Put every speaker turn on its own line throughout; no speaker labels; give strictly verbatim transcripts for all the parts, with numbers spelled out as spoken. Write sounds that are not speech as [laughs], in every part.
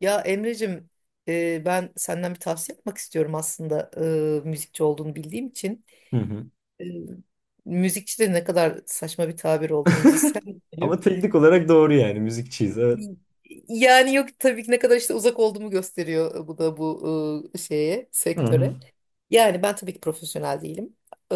Ya Emre'cim, e, ben senden bir tavsiye yapmak istiyorum aslında, e, müzikçi olduğunu bildiğim için.
Hı hı.
E, Müzikçi de ne kadar saçma bir tabir oldu,
[laughs]
müzisyen diyelim.
Ama teknik olarak doğru yani müzikçiyiz, evet.
Yani yok tabii ki, ne kadar işte uzak olduğumu gösteriyor bu da, bu e, şeye,
Hı hı.
sektöre. Yani ben tabii ki profesyonel değilim. E,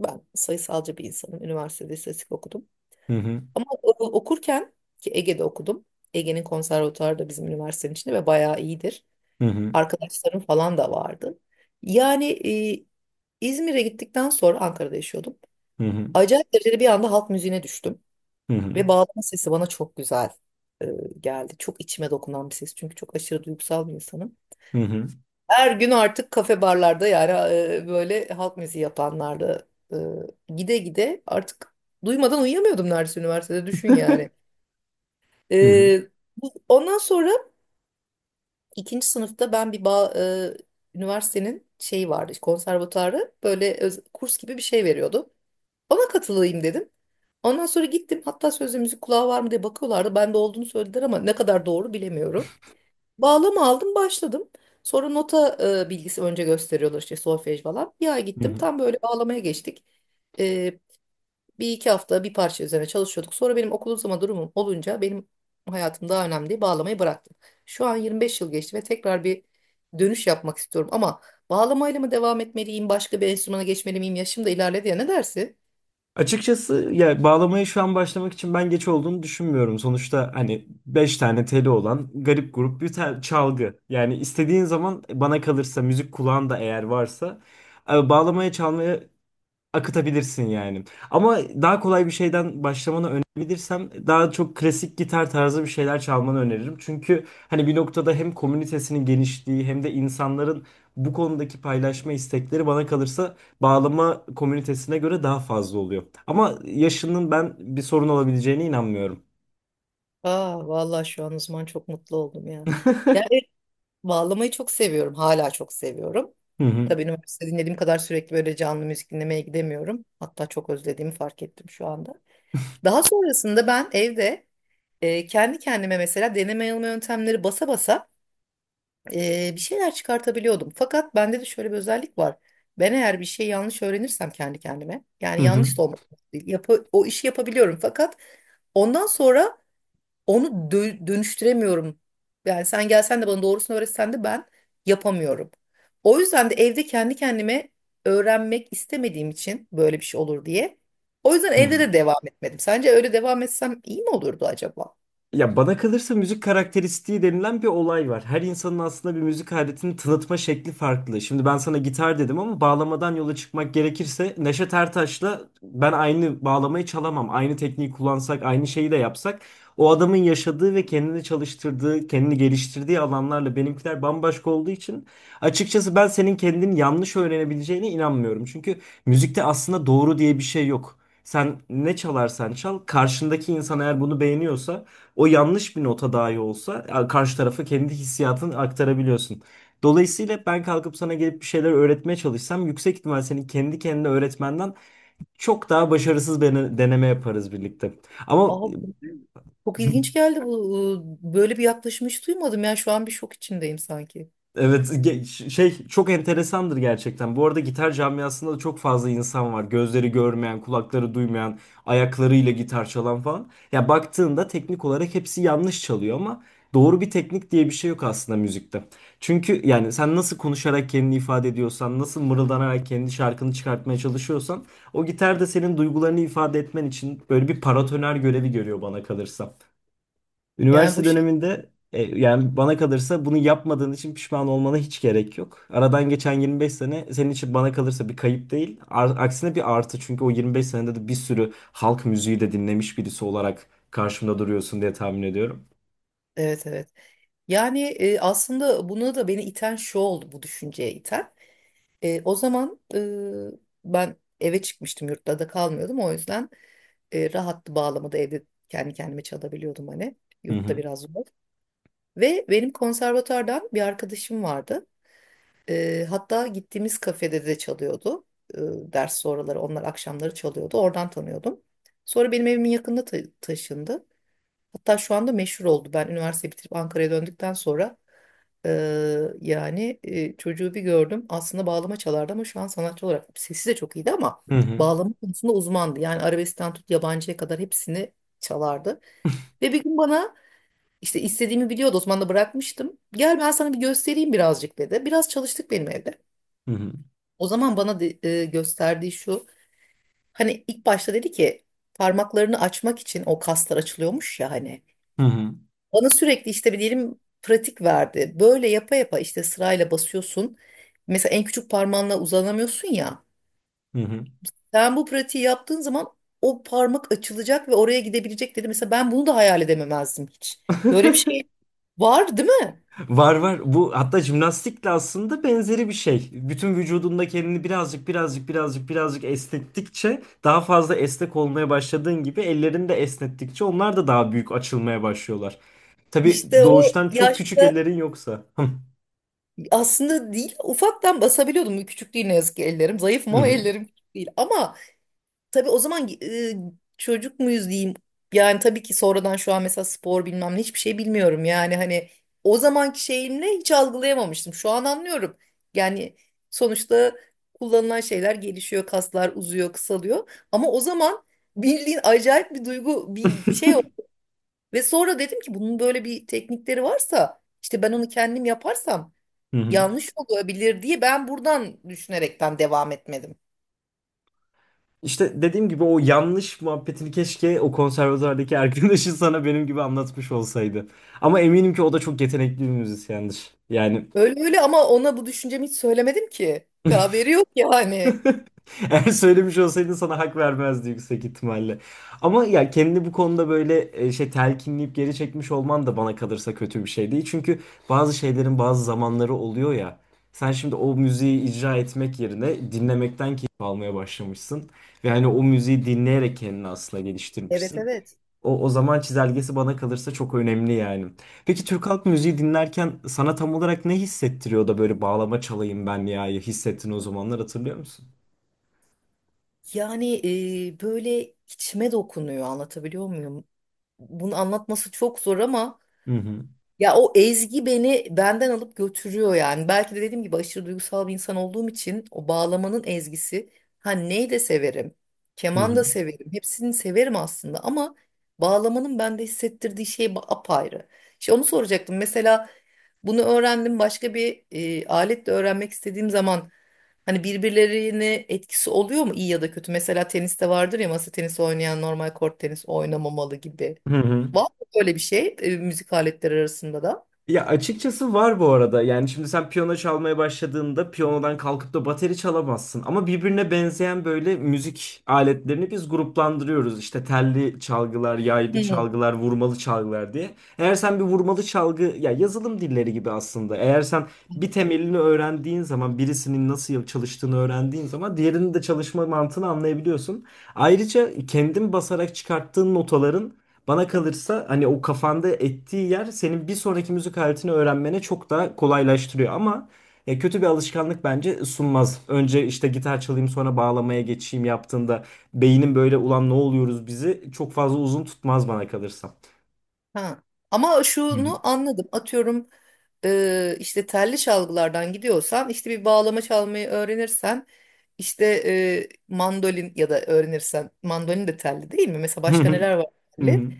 Ben sayısalcı bir insanım. Üniversitede istatistik okudum.
Hı hı.
Ama e, okurken ki Ege'de okudum. Ege'nin konservatuarı da bizim üniversitenin içinde ve bayağı iyidir.
Hı hı.
Arkadaşlarım falan da vardı. Yani e, İzmir'e gittikten sonra Ankara'da yaşıyordum.
Hı hı.
Acayip derecede bir anda halk müziğine düştüm.
Hı hı.
Ve bağlama sesi bana çok güzel e, geldi. Çok içime dokunan bir ses. Çünkü çok aşırı duygusal bir insanım.
Hı hı.
Her gün artık kafe barlarda, yani e, böyle halk müziği yapanlarda e, gide gide artık duymadan uyuyamıyordum neredeyse üniversitede, düşün yani.
[laughs] Hı hı.
E, bu- Ondan sonra İkinci sınıfta ben bir ba e, üniversitenin şeyi vardı, konservatuarı böyle öz- kurs gibi bir şey veriyordu. Ona katılayım dedim. Ondan sonra gittim. Hatta sözde müzik kulağı var mı diye bakıyorlardı. Ben de olduğunu söylediler ama ne kadar doğru bilemiyorum. Bağlama aldım, başladım. Sonra nota e, bilgisi önce gösteriyorlar, işte solfej falan. Bir ay
Hı
gittim.
hı.
Tam böyle bağlamaya geçtik. Bir iki hafta bir parça üzerine çalışıyorduk. Sonra benim okul uzama durumum olunca benim hayatım daha önemli diye bağlamayı bıraktım. Şu an yirmi beş yıl geçti ve tekrar bir dönüş yapmak istiyorum. Ama bağlamayla mı devam etmeliyim, başka bir enstrümana geçmeli miyim, yaşım da ilerledi ya, ne dersin?
Açıkçası ya bağlamaya şu an başlamak için ben geç olduğunu düşünmüyorum. Sonuçta hani beş tane teli olan garip grup bir tel- çalgı. Yani istediğin zaman bana kalırsa müzik kulağın da eğer varsa e, bağlamaya çalmaya akıtabilirsin yani. Ama daha kolay bir şeyden başlamanı önerebilirsem daha çok klasik gitar tarzı bir şeyler çalmanı öneririm. Çünkü hani bir noktada hem komünitesinin genişliği hem de insanların bu konudaki paylaşma istekleri bana kalırsa bağlama komünitesine göre daha fazla oluyor. Ama yaşının ben bir sorun olabileceğine inanmıyorum.
Aa, vallahi şu an o zaman çok mutlu oldum ya. Yani evet,
[laughs]
bağlamayı çok seviyorum, hala çok seviyorum.
Hı hı.
Tabii üniversite dinlediğim kadar sürekli böyle canlı müzik dinlemeye gidemiyorum. Hatta çok özlediğimi fark ettim şu anda. Daha sonrasında ben evde e, kendi kendime mesela deneme yanılma yöntemleri basa basa e, bir şeyler çıkartabiliyordum. Fakat bende de şöyle bir özellik var. Ben eğer bir şey yanlış öğrenirsem kendi kendime,
Hı
yani
hı.
yanlış da olmak değil, yapı, o işi yapabiliyorum. Fakat ondan sonra onu dö- dönüştüremiyorum. Yani sen gelsen de bana doğrusunu öğretsen de ben yapamıyorum. O yüzden de evde kendi kendime öğrenmek istemediğim için, böyle bir şey olur diye. O yüzden
Hı
evde
hı.
de devam etmedim. Sence öyle devam etsem iyi mi olurdu acaba?
Ya bana kalırsa müzik karakteristiği denilen bir olay var. Her insanın aslında bir müzik aletini tanıtma şekli farklı. Şimdi ben sana gitar dedim ama bağlamadan yola çıkmak gerekirse Neşet Ertaş'la ben aynı bağlamayı çalamam. Aynı tekniği kullansak, aynı şeyi de yapsak, o adamın yaşadığı ve kendini çalıştırdığı, kendini geliştirdiği alanlarla benimkiler bambaşka olduğu için açıkçası ben senin kendini yanlış öğrenebileceğine inanmıyorum. Çünkü müzikte aslında doğru diye bir şey yok. Sen ne çalarsan çal, karşındaki insan eğer bunu beğeniyorsa o yanlış bir nota dahi olsa a- karşı tarafa kendi hissiyatını aktarabiliyorsun. Dolayısıyla ben kalkıp sana gelip bir şeyler öğretmeye çalışsam yüksek ihtimal senin kendi kendine öğretmenden çok daha başarısız bir dene- deneme yaparız birlikte. Ama
Aa, bu- Çok ilginç geldi bu. Böyle bir yaklaşım hiç duymadım. Yani şu an bir şok içindeyim sanki.
evet ge- ş- şey çok enteresandır gerçekten. Bu arada gitar camiasında da çok fazla insan var. Gözleri görmeyen, kulakları duymayan, ayaklarıyla gitar çalan falan. Ya baktığında teknik olarak hepsi yanlış çalıyor ama doğru bir teknik diye bir şey yok aslında müzikte. Çünkü yani sen nasıl konuşarak kendini ifade ediyorsan, nasıl mırıldanarak kendi şarkını çıkartmaya çalışıyorsan, o gitar da senin duygularını ifade etmen için böyle bir paratoner görevi görüyor bana kalırsa.
Yani
Üniversite
bu şey.
döneminde e, yani bana kalırsa bunu yapmadığın için pişman olmana hiç gerek yok. Aradan geçen yirmi beş sene senin için bana kalırsa bir kayıp değil. Ar- aksine bir artı, çünkü o yirmi beş senede de bir sürü halk müziği de dinlemiş birisi olarak karşımda duruyorsun diye tahmin ediyorum.
Evet, evet. Yani e, aslında buna da beni iten şu oldu, bu düşünceye iten. E, o zaman e, ben eve çıkmıştım, yurtta da kalmıyordum, o yüzden e, rahattı, bağlamada evde kendi kendime çalabiliyordum, hani
Hı
yurtta
hı.
biraz zor. Ve benim konservatuardan bir arkadaşım vardı. E, hatta gittiğimiz kafede de çalıyordu. E, Ders sonraları onlar akşamları çalıyordu, oradan tanıyordum. Sonra benim evimin yakınına ta- taşındı. Hatta şu anda meşhur oldu. Ben üniversite bitirip Ankara'ya döndükten sonra, eee, yani eee, çocuğu bir gördüm. Aslında bağlama çalardı ama şu an sanatçı olarak sesi de çok iyiydi ama
Hı hı.
bağlama konusunda uzmandı. Yani arabeskten tut yabancıya kadar hepsini çalardı. Ve bir gün bana, işte istediğimi biliyordu, o zaman da bırakmıştım, gel ben sana bir göstereyim birazcık dedi. Biraz çalıştık benim evde.
Hı hı.
O zaman bana de- eee, gösterdiği şu, hani ilk başta dedi ki parmaklarını açmak için o kaslar açılıyormuş ya hani.
Hı hı.
Bana sürekli işte bir diyelim pratik verdi. Böyle yapa yapa işte sırayla basıyorsun. Mesela en küçük parmağınla uzanamıyorsun ya.
Hı hı.
Sen bu pratiği yaptığın zaman o parmak açılacak ve oraya gidebilecek dedi. Mesela ben bunu da hayal edememezdim hiç. Böyle bir
[laughs]
şey var değil mi?
Var var. Bu hatta jimnastikle aslında benzeri bir şey. Bütün vücudunda kendini birazcık birazcık birazcık birazcık esnettikçe daha fazla esnek olmaya başladığın gibi ellerini de esnettikçe onlar da daha büyük açılmaya başlıyorlar. Tabii
İşte o
doğuştan çok küçük
yaşta
ellerin yoksa. [laughs]
aslında değil ufaktan basabiliyordum. Küçük değil ne yazık ki ellerim. Zayıfım
Hı
ama
hı,
ellerim küçük değil. Ama tabii o zaman e, çocuk muyuz diyeyim. Yani tabii ki sonradan, şu an mesela spor bilmem ne hiçbir şey bilmiyorum. Yani hani o zamanki şeyimle hiç algılayamamıştım. Şu an anlıyorum. Yani sonuçta kullanılan şeyler gelişiyor, kaslar uzuyor, kısalıyor. Ama o zaman bildiğin acayip bir duygu, bir şey oldu. Ve sonra dedim ki bunun böyle bir teknikleri varsa işte ben onu kendim yaparsam
hı hı.
yanlış olabilir diye, ben buradan düşünerekten devam etmedim.
İşte dediğim gibi o yanlış muhabbetini keşke o konservatuardaki arkadaşın [laughs] sana benim gibi anlatmış olsaydı. Ama eminim ki o da çok yetenekli bir müzisyendir. Yani
Öyle öyle, ama ona bu düşüncemi hiç söylemedim ki. Haberi yok yani.
[laughs] eğer söylemiş olsaydın sana hak vermezdi yüksek ihtimalle. Ama ya kendini bu konuda böyle e, şey telkinleyip geri çekmiş olman da bana kalırsa kötü bir şey değil. Çünkü bazı şeylerin bazı zamanları oluyor ya. Sen şimdi o müziği icra etmek yerine dinlemekten keyif almaya başlamışsın. Ve hani o müziği dinleyerek kendini aslında
Evet,
geliştirmişsin.
evet.
O, o zaman çizelgesi bana kalırsa çok önemli yani. Peki Türk halk müziği dinlerken sana tam olarak ne hissettiriyor da böyle bağlama çalayım ben ya hissettin o zamanlar, hatırlıyor musun?
Yani e, böyle içime dokunuyor, anlatabiliyor muyum? Bunu anlatması çok zor ama
Hı hı.
ya, o ezgi beni benden alıp götürüyor yani. Belki de dediğim gibi aşırı duygusal bir insan olduğum için o bağlamanın ezgisi. Ha, ney de severim.
Hı
Keman
hı.
da severim. Hepsini severim aslında ama bağlamanın bende hissettirdiği şey ba- apayrı. İşte onu soracaktım. Mesela bunu öğrendim, başka bir e, aletle öğrenmek istediğim zaman hani birbirlerine etkisi oluyor mu iyi ya da kötü? Mesela teniste vardır ya, masa tenisi oynayan normal kort tenisi oynamamalı gibi.
Hı hı.
Var öyle bir şey e, müzik aletleri arasında da.
Ya açıkçası var bu arada. Yani şimdi sen piyano çalmaya başladığında piyanodan kalkıp da bateri çalamazsın. Ama birbirine benzeyen böyle müzik aletlerini biz gruplandırıyoruz. İşte telli çalgılar,
Hı,
yaylı
evet.
çalgılar, vurmalı çalgılar diye. Eğer sen bir vurmalı çalgı ya, yazılım dilleri gibi aslında. Eğer sen bir temelini öğrendiğin zaman, birisinin nasıl çalıştığını öğrendiğin zaman diğerinin de çalışma mantığını anlayabiliyorsun. Ayrıca kendin basarak çıkarttığın notaların bana kalırsa hani o kafanda ettiği yer senin bir sonraki müzik aletini öğrenmene çok daha kolaylaştırıyor ama ya kötü bir alışkanlık bence sunmaz. Önce işte gitar çalayım sonra bağlamaya geçeyim yaptığında beynin böyle ulan ne oluyoruz bizi çok fazla uzun tutmaz bana kalırsa.
Ha. Ama
Hı hı.
şunu anladım. Atıyorum, e, işte telli çalgılardan gidiyorsan işte bir bağlama çalmayı öğrenirsen işte e, mandolin ya da öğrenirsen, mandolin de telli değil mi? Mesela
Hı
başka
hı,
neler var
hı
telli?
hı.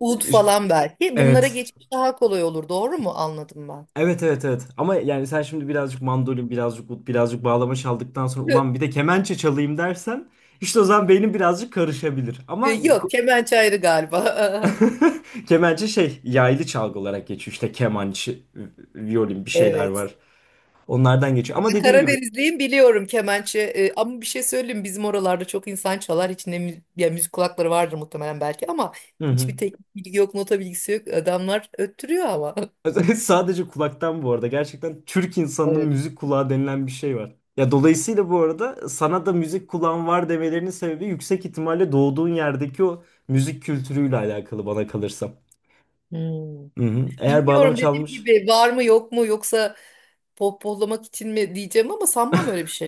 Ud
İş-
falan belki. Bunlara
Evet.
geçiş daha kolay olur. Doğru mu anladım ben?
Evet evet evet. Ama yani sen şimdi birazcık mandolin, birazcık ut, birazcık bağlama çaldıktan sonra ulan bir de
[laughs]
kemençe çalayım dersen işte o zaman beynin birazcık karışabilir.
E,
Ama
Yok, kemençe ayrı galiba.
[laughs] kemençe şey yaylı çalgı olarak geçiyor. İşte kemançı, violin bir
[laughs]
şeyler
Evet.
var. Onlardan geçiyor. Ama dediğim gibi
Karadenizliyim, biliyorum kemençe. E, ama bir şey söyleyeyim, bizim oralarda çok insan çalar, hiç ne mü- ya, müzik kulakları vardır muhtemelen belki ama
hı hı.
hiçbir teknik bilgi yok, nota bilgisi yok, adamlar öttürüyor ama. [laughs]
[laughs] Sadece kulaktan bu arada. Gerçekten Türk insanının
Evet.
müzik kulağı denilen bir şey var. Ya dolayısıyla bu arada sana da müzik kulağın var demelerinin sebebi yüksek ihtimalle doğduğun yerdeki o müzik kültürüyle alakalı bana kalırsa.
Hmm.
Hı hı. Eğer bağlama
Bilmiyorum, dediğim
çalmış.
gibi var mı yok mu, yoksa pohpohlamak için mi diyeceğim ama sanmam öyle bir şey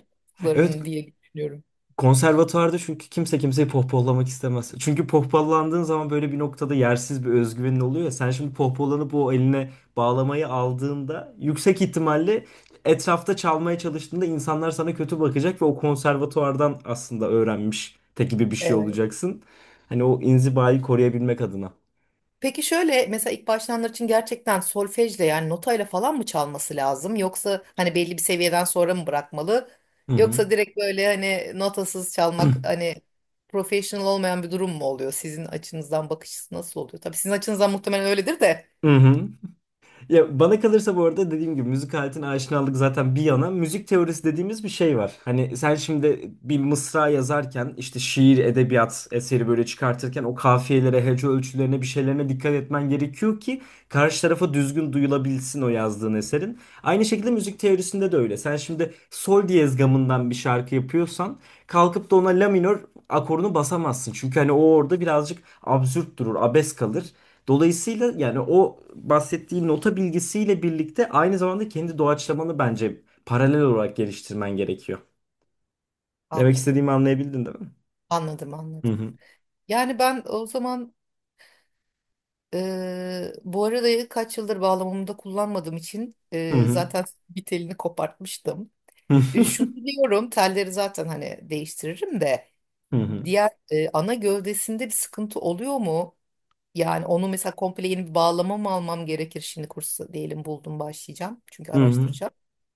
Evet,
yaptıklarını diye düşünüyorum.
konservatuvarda çünkü kimse kimseyi pohpollamak istemez. Çünkü pohpollandığın zaman böyle bir noktada yersiz bir özgüvenin oluyor ya. Sen şimdi pohpollanıp o eline bağlamayı aldığında yüksek ihtimalle etrafta çalmaya çalıştığında insanlar sana kötü bakacak ve o konservatuvardan aslında öğrenmiş te gibi bir şey olacaksın. Hani o inzibayı koruyabilmek adına.
Peki şöyle mesela ilk başlayanlar için gerçekten solfejle, yani notayla falan mı çalması lazım? Yoksa hani belli bir seviyeden sonra mı bırakmalı?
Hı hı.
Yoksa direkt böyle hani notasız çalmak
[clears throat]
hani professional olmayan bir durum mu oluyor? Sizin açınızdan bakış açısı nasıl oluyor? Tabii sizin açınızdan muhtemelen öyledir de.
Hı hı. Ya bana kalırsa bu arada dediğim gibi müzik aletine aşinalık zaten bir yana, müzik teorisi dediğimiz bir şey var. Hani sen şimdi bir mısra yazarken işte şiir, edebiyat eseri böyle çıkartırken o kafiyelere, hece ölçülerine bir şeylerine dikkat etmen gerekiyor ki karşı tarafa düzgün duyulabilsin o yazdığın eserin. Aynı şekilde müzik teorisinde de öyle. Sen şimdi sol diyez gamından bir şarkı yapıyorsan kalkıp da ona la minör akorunu basamazsın. Çünkü hani o orada birazcık absürt durur, abes kalır. Dolayısıyla yani o bahsettiği nota bilgisiyle birlikte aynı zamanda kendi doğaçlamanı bence paralel olarak geliştirmen gerekiyor. Demek
Anladım.
istediğimi anlayabildin değil mi?
Anladım,
Hı
anladım.
hı.
Yani ben o zaman, eee bu arada kaç yıldır bağlamamda kullanmadığım için,
Hı
eee,
hı.
zaten bir telini kopartmıştım. E, Şunu
[laughs]
biliyorum, telleri zaten hani değiştiririm de,
Hı hı. Hı hı.
diğer e, ana gövdesinde bir sıkıntı oluyor mu? Yani onu mesela komple yeni bir bağlama mı almam gerekir şimdi, kursu diyelim buldum başlayacağım çünkü, araştıracağım.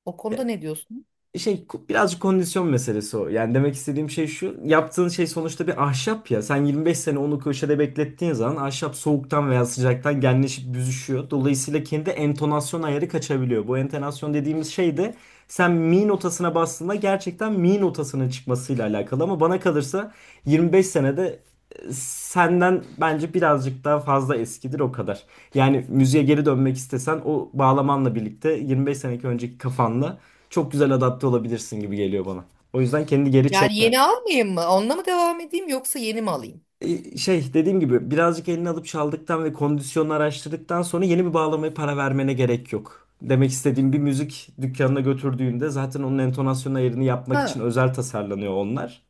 O konuda ne diyorsun?
Şey birazcık kondisyon meselesi o. Yani demek istediğim şey şu. Yaptığın şey sonuçta bir ahşap ya. Sen yirmi beş sene onu köşede beklettiğin zaman ahşap soğuktan veya sıcaktan genleşip büzüşüyor. Dolayısıyla kendi entonasyon ayarı kaçabiliyor. Bu entonasyon dediğimiz şey de sen mi notasına bastığında gerçekten mi notasının çıkmasıyla alakalı ama bana kalırsa yirmi beş senede e, senden bence birazcık daha fazla eskidir o kadar. Yani müziğe geri dönmek istesen o bağlamanla birlikte yirmi beş seneki önceki kafanla çok güzel adapte olabilirsin gibi geliyor bana. O yüzden kendi geri
Yani
çekme.
yeni almayayım mı? Onunla mı devam edeyim, yoksa yeni mi alayım?
E, Şey dediğim gibi birazcık elini alıp çaldıktan ve kondisyonunu araştırdıktan sonra yeni bir bağlamaya para vermene gerek yok. Demek istediğim, bir müzik dükkanına götürdüğünde zaten onun entonasyon ayarını yapmak için
Ha,
özel tasarlanıyor onlar.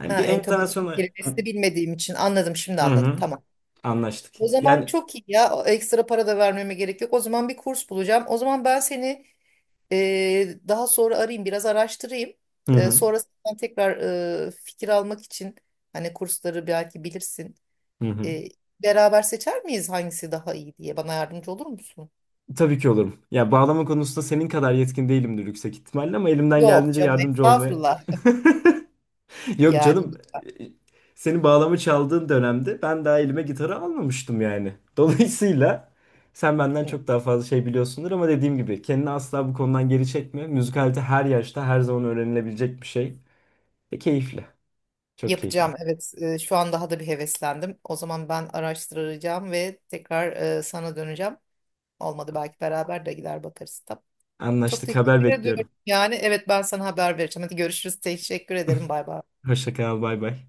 Yani
ha,
bir entonasyon
entomasyon
ay-
kelimesini bilmediğim için anladım, şimdi
hı
anladım,
hı.
tamam.
Anlaştık.
O zaman
Yani
çok iyi ya. O ekstra para da vermeme gerek yok. O zaman bir kurs bulacağım. O zaman ben seni Ee, daha sonra arayayım, biraz araştırayım.
hı
Ee,
hı.
sonra sen tekrar e, fikir almak için hani kursları belki bilirsin.
Hı hı.
Ee, Beraber seçer miyiz hangisi daha iyi diye? Bana yardımcı olur musun?
Tabii ki olurum. Ya bağlama konusunda senin kadar yetkin değilimdir yüksek ihtimalle ama elimden
Yok
geldiğince
canım,
yardımcı olmaya.
estağfurullah.
Yok canım.
Yani
Senin bağlama çaldığın dönemde ben daha elime gitarı almamıştım yani. Dolayısıyla sen benden çok daha fazla şey biliyorsundur ama dediğim gibi kendini asla bu konudan geri çekme. Müzikalite her yaşta her zaman öğrenilebilecek bir şey. Ve keyifli. Çok keyifli.
yapacağım. Evet, e, şu an daha da bir heveslendim. O zaman ben araştıracağım ve tekrar e, sana döneceğim. Olmadı belki beraber de gider bakarız. Tamam. Çok
Anlaştık. Haber
teşekkür ediyorum.
bekliyorum.
Yani evet, ben sana haber vereceğim. Hadi görüşürüz. Teşekkür ederim. Bay bay.
Hoşça kal. Bay bay.